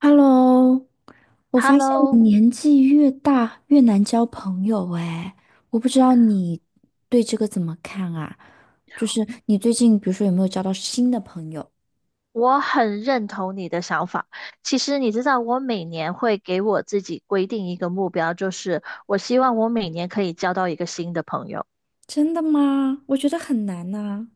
Hello，我发现我 Hello，年纪越大越难交朋友哎，我不知道你对这个怎么看啊？就是你最近比如说有没有交到新的朋友？我很认同你的想法。其实你知道，我每年会给我自己规定一个目标，就是我希望我每年可以交到一个新的朋友，真的吗？我觉得很难呐，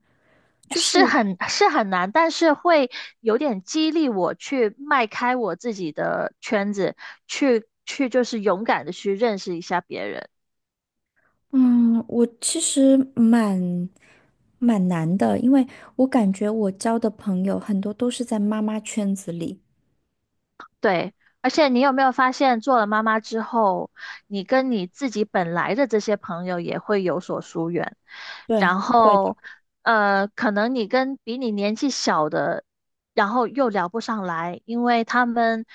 就是是很难，但是会有点激励我去迈开我自己的圈子，去就是勇敢的去认识一下别人。嗯，我其实蛮难的，因为我感觉我交的朋友很多都是在妈妈圈子里。对，而且你有没有发现，做了妈妈之后，你跟你自己本来的这些朋友也会有所疏远，对，然会的。后，可能你跟比你年纪小的，然后又聊不上来，因为他们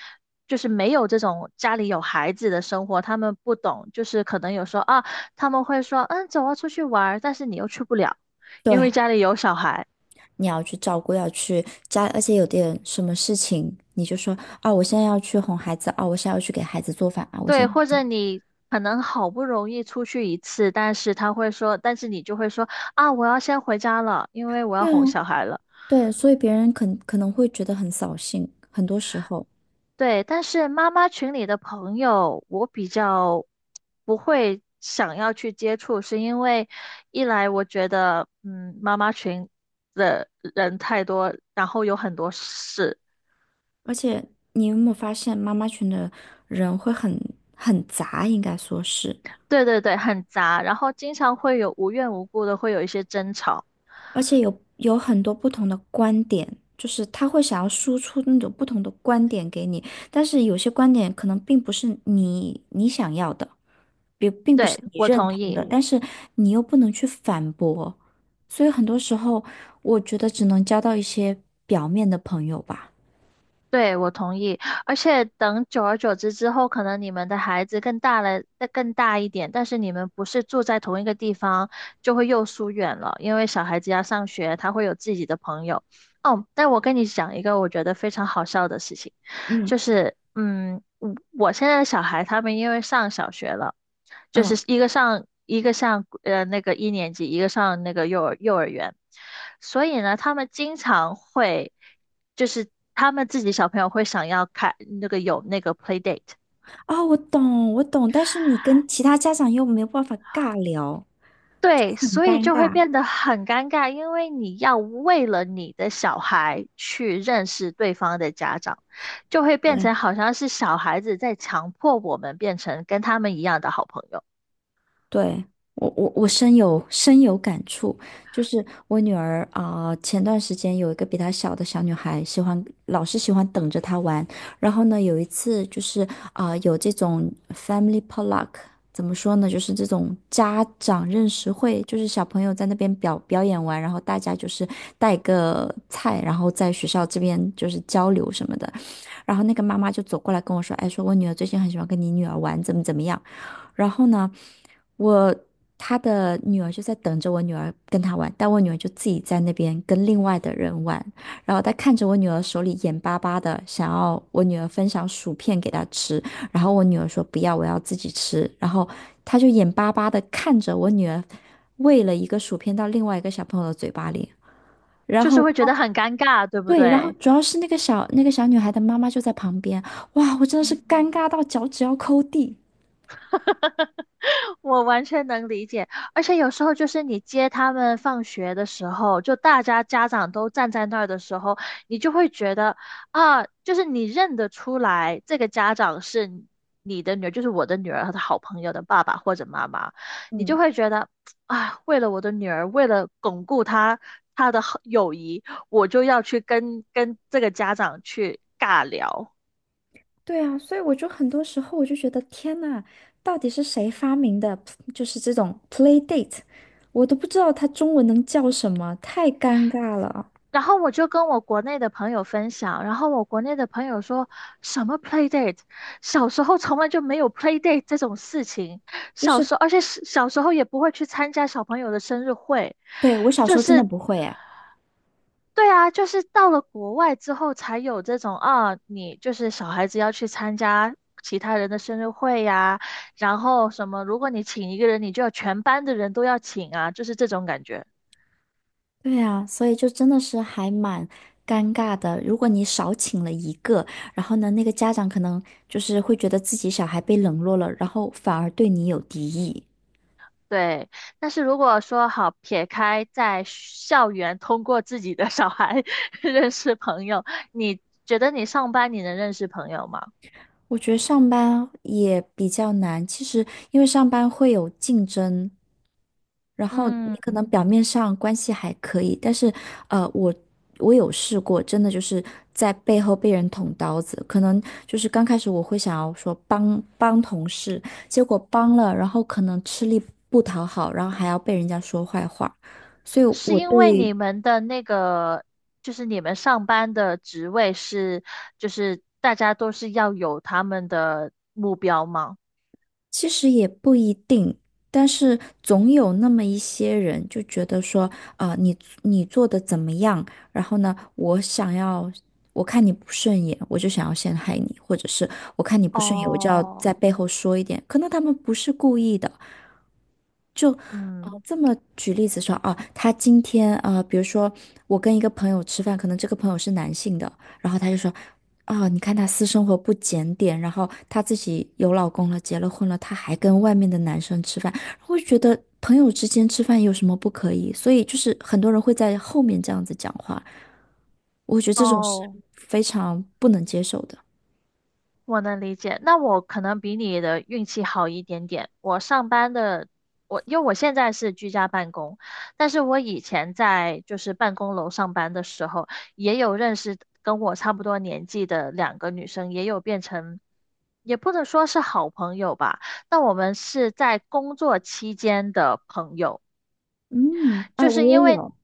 就是没有这种家里有孩子的生活，他们不懂，就是可能有时候啊，他们会说，嗯，走啊，出去玩儿但是你又去不了，因对。为家里有小孩。你要去照顾，要去家，而且有点什么事情，你就说啊，我现在要去哄孩子啊，我现在要去给孩子做饭啊，我现对，或在者你可能好不容易出去一次，但是他会说，但是你就会说啊，我要先回家了，因为我要对哄啊，小孩了。对，所以别人可能会觉得很扫兴，很多时候，对，但是妈妈群里的朋友，我比较不会想要去接触，是因为一来我觉得，嗯，妈妈群的人太多，然后有很多事，而且你有没有发现，妈妈群的人会很杂，应该说是，对对对，很杂，然后经常会有无缘无故的会有一些争吵。而且有很多不同的观点，就是他会想要输出那种不同的观点给你，但是有些观点可能并不是你想要的。并不对，是你我认同同意。的，但是你又不能去反驳，所以很多时候我觉得只能交到一些表面的朋友吧。对，我同意。而且等久而久之之后，可能你们的孩子更大了，再更大一点，但是你们不是住在同一个地方，就会又疏远了。因为小孩子要上学，他会有自己的朋友。哦，但我跟你讲一个我觉得非常好笑的事情。嗯，就是我现在的小孩他们因为上小学了，就嗯，是一个上那个一年级，一个上那个幼儿园，所以呢，他们经常会就是他们自己小朋友会想要开那个有那个 play date。啊，我懂，我懂，但是你跟其他家长又没有办法尬聊。对，所以就会变得很尴尬，因为你要为了你的小孩去认识对方的家长，就会变对。成好像是小孩子在强迫我们变成跟他们一样的好朋友。对，我深有感触，就是我女儿啊，前段时间有一个比她小的小女孩，喜欢老是喜欢等着她玩，然后呢，有一次就是啊，有这种 family potluck，怎么说呢，就是这种家长认识会，就是小朋友在那边表演完，然后大家就是带个菜，然后在学校这边就是交流什么的，然后那个妈妈就走过来跟我说，哎，说我女儿最近很喜欢跟你女儿玩，怎么怎么样。然后呢，我他的女儿就在等着我女儿跟他玩，但我女儿就自己在那边跟另外的人玩，然后他看着我女儿手里眼巴巴的想要我女儿分享薯片给她吃，然后我女儿说不要，我要自己吃，然后他就眼巴巴的看着我女儿喂了一个薯片到另外一个小朋友的嘴巴里。然就是后会觉她。得很尴尬，对不对，然后对？主要是那个小女孩的妈妈就在旁边，哇，我真的是嗯。 尴尬到脚趾要抠地。我完全能理解，而且有时候就是你接他们放学的时候，就大家家长都站在那儿的时候，你就会觉得啊，就是你认得出来这个家长是你的女儿，就是我的女儿和她好朋友的爸爸或者妈妈，你就嗯。会觉得啊，为了我的女儿，为了巩固她的好友谊，我就要去跟这个家长去尬聊。对啊，所以我就很多时候我就觉得天呐，到底是谁发明的？就是这种 play date，我都不知道它中文能叫什么，太尴尬了。然后我就跟我国内的朋友分享，然后我国内的朋友说什么 play date，小时候从来就没有 play date 这种事情，就小是，时候而且是小时候也不会去参加小朋友的生日会，对，我小就时候真的是不会哎。对啊，就是到了国外之后才有这种啊，你就是小孩子要去参加。其他人的生日会呀、然后什么，如果你请一个人，你就要全班的人都要请啊，就是这种感觉。对啊，所以就真的是还蛮尴尬的。如果你少请了一个，然后呢，那个家长可能就是会觉得自己小孩被冷落了，然后反而对你有敌意。对，但是如果说好撇开在校园通过自己的小孩 认识朋友，你觉得你上班你能认识朋友吗？我觉得上班也比较难，其实因为上班会有竞争。然后你可嗯，能表面上关系还可以，但是，呃，我我有试过，真的就是在背后被人捅刀子。可能就是刚开始我会想要说帮帮同事，结果帮了，然后可能吃力不讨好，然后还要被人家说坏话。所以是我因为对你们的那个，就是你们上班的职位是，就是大家都是要有他们的目标吗？其实也不一定，但是总有那么一些人就觉得说，啊，你做的怎么样？然后呢，我想要，我看你不顺眼，我就想要陷害你，或者是我看你不顺眼，我就要在哦，背后说一点。可能他们不是故意的，就嗯，这么举例子说啊，他今天啊，比如说我跟一个朋友吃饭，可能这个朋友是男性的，然后他就说，啊，你看他私生活不检点，然后他自己有老公了，结了婚了，他还跟外面的男生吃饭，我就觉得朋友之间吃饭有什么不可以？所以就是很多人会在后面这样子讲话，我觉得这种是哦。非常不能接受的。我能理解，那我可能比你的运气好一点点。我上班的，我因为我现在是居家办公，但是我以前在就是办公楼上班的时候，也有认识跟我差不多年纪的2个女生，也有变成，也不能说是好朋友吧，但我们是在工作期间的朋友。嗯，啊，就我是因也为有，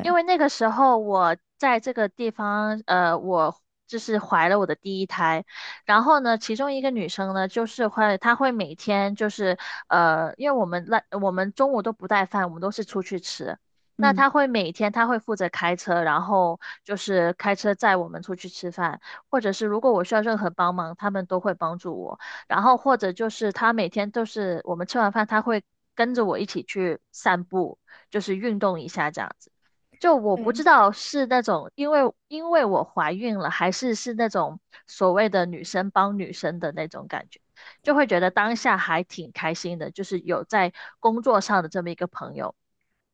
因为那个时候我在这个地方，我就是怀了我的第一胎，然后呢，其中一个女生呢，就是会她会每天就是因为我们中午都不带饭，我们都是出去吃。那嗯她会每天，她会负责开车，然后就是开车载我们出去吃饭，或者是如果我需要任何帮忙，他们都会帮助我。然后或者就是他每天都是我们吃完饭，他会跟着我一起去散步，就是运动一下这样子。就我不对，知道是那种因为我怀孕了，还是那种所谓的女生帮女生的那种感觉，就会觉得当下还挺开心的，就是有在工作上的这么一个朋友，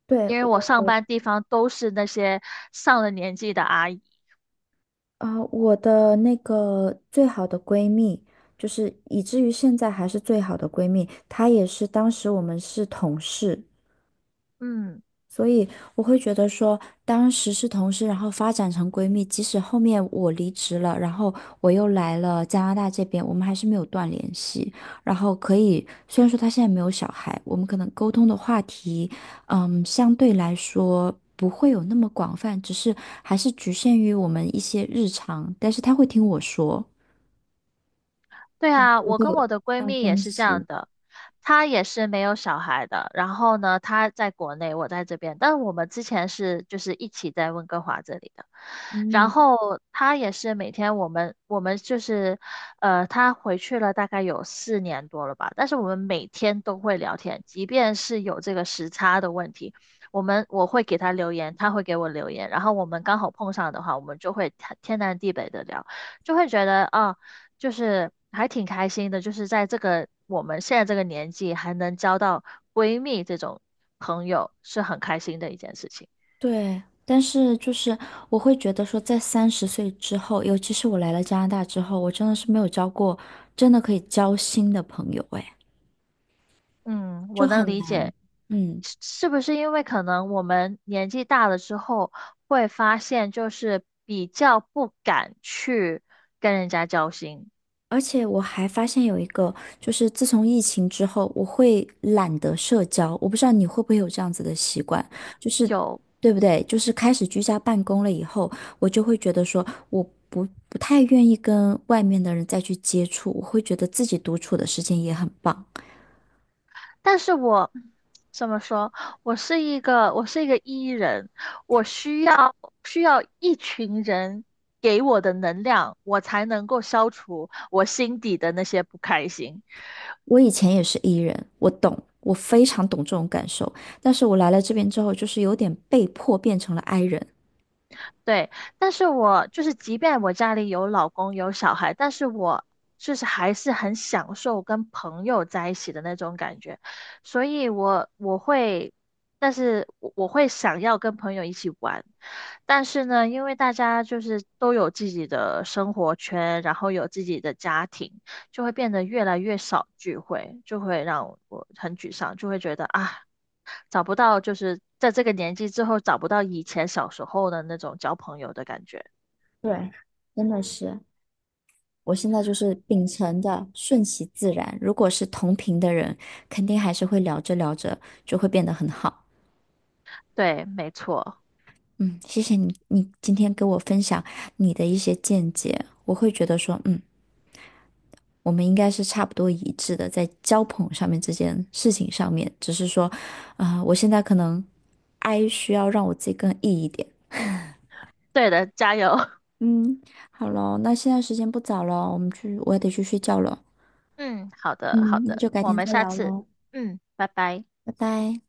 对，因为我我上我班地方都是那些上了年纪的阿姨，啊，我的那个最好的闺蜜，就是以至于现在还是最好的闺蜜，她也是当时我们是同事，嗯。所以我会觉得说，当时是同事，然后发展成闺蜜，即使后面我离职了，然后我又来了加拿大这边，我们还是没有断联系。然后可以，虽然说她现在没有小孩，我们可能沟通的话题，相对来说不会有那么广泛，只是还是局限于我们一些日常。但是她会听我说，对啊，我我会跟有我的闺这样蜜也分是这析，样的，她也是没有小孩的。然后呢，她在国内，我在这边，但是我们之前是就是一起在温哥华这里的。然嗯。后她也是每天我们就是，她回去了大概有4年多了吧，但是我们每天都会聊天，即便是有这个时差的问题，我会给她留言，她会给我留言，然后我们刚好碰上的话，我们就会天南地北的聊。就会觉得啊、就是还挺开心的，就是在这个我们现在这个年纪还能交到闺蜜这种朋友，是很开心的一件事情。对，但是就是我会觉得说，在30岁之后，尤其是我来了加拿大之后，我真的是没有交过真的可以交心的朋友，哎，嗯，就我能很理难。解，嗯，是不是因为可能我们年纪大了之后，会发现就是比较不敢去跟人家交心，而且我还发现有一个，就是自从疫情之后，我会懒得社交。我不知道你会不会有这样子的习惯，就是有。对不对？就是开始居家办公了以后，我就会觉得说，我不太愿意跟外面的人再去接触，我会觉得自己独处的时间也很棒。但是我怎么说？我是一个 E 人，我需要一群人给我的能量，我才能够消除我心底的那些不开心。我以前也是 E 人，我懂，我非常懂这种感受。但是我来了这边之后，就是有点被迫变成了 I 人。对，但是我就是，即便我家里有老公有小孩，但是我就是还是很享受跟朋友在一起的那种感觉，所以我会，但是我会想要跟朋友一起玩，但是呢，因为大家就是都有自己的生活圈，然后有自己的家庭，就会变得越来越少聚会，就会让我很沮丧，就会觉得啊，找不到，就是在这个年纪之后找不到以前小时候的那种交朋友的感觉。对，真的是，我现在就是秉承的顺其自然。如果是同频的人，肯定还是会聊着聊着就会变得很好。对，没错，嗯，谢谢你，你今天给我分享你的一些见解，我会觉得说，嗯。我们应该是差不多一致的，在交朋上面这件事情上面，只是说，啊，我现在可能 I 需要让我自己更 E 一点。对的，加油。嗯，好喽，那现在时间不早了，我们去，我也得去睡觉了。嗯，好的，好嗯，那的，就改我天们再下聊次，喽，嗯，拜拜。拜拜。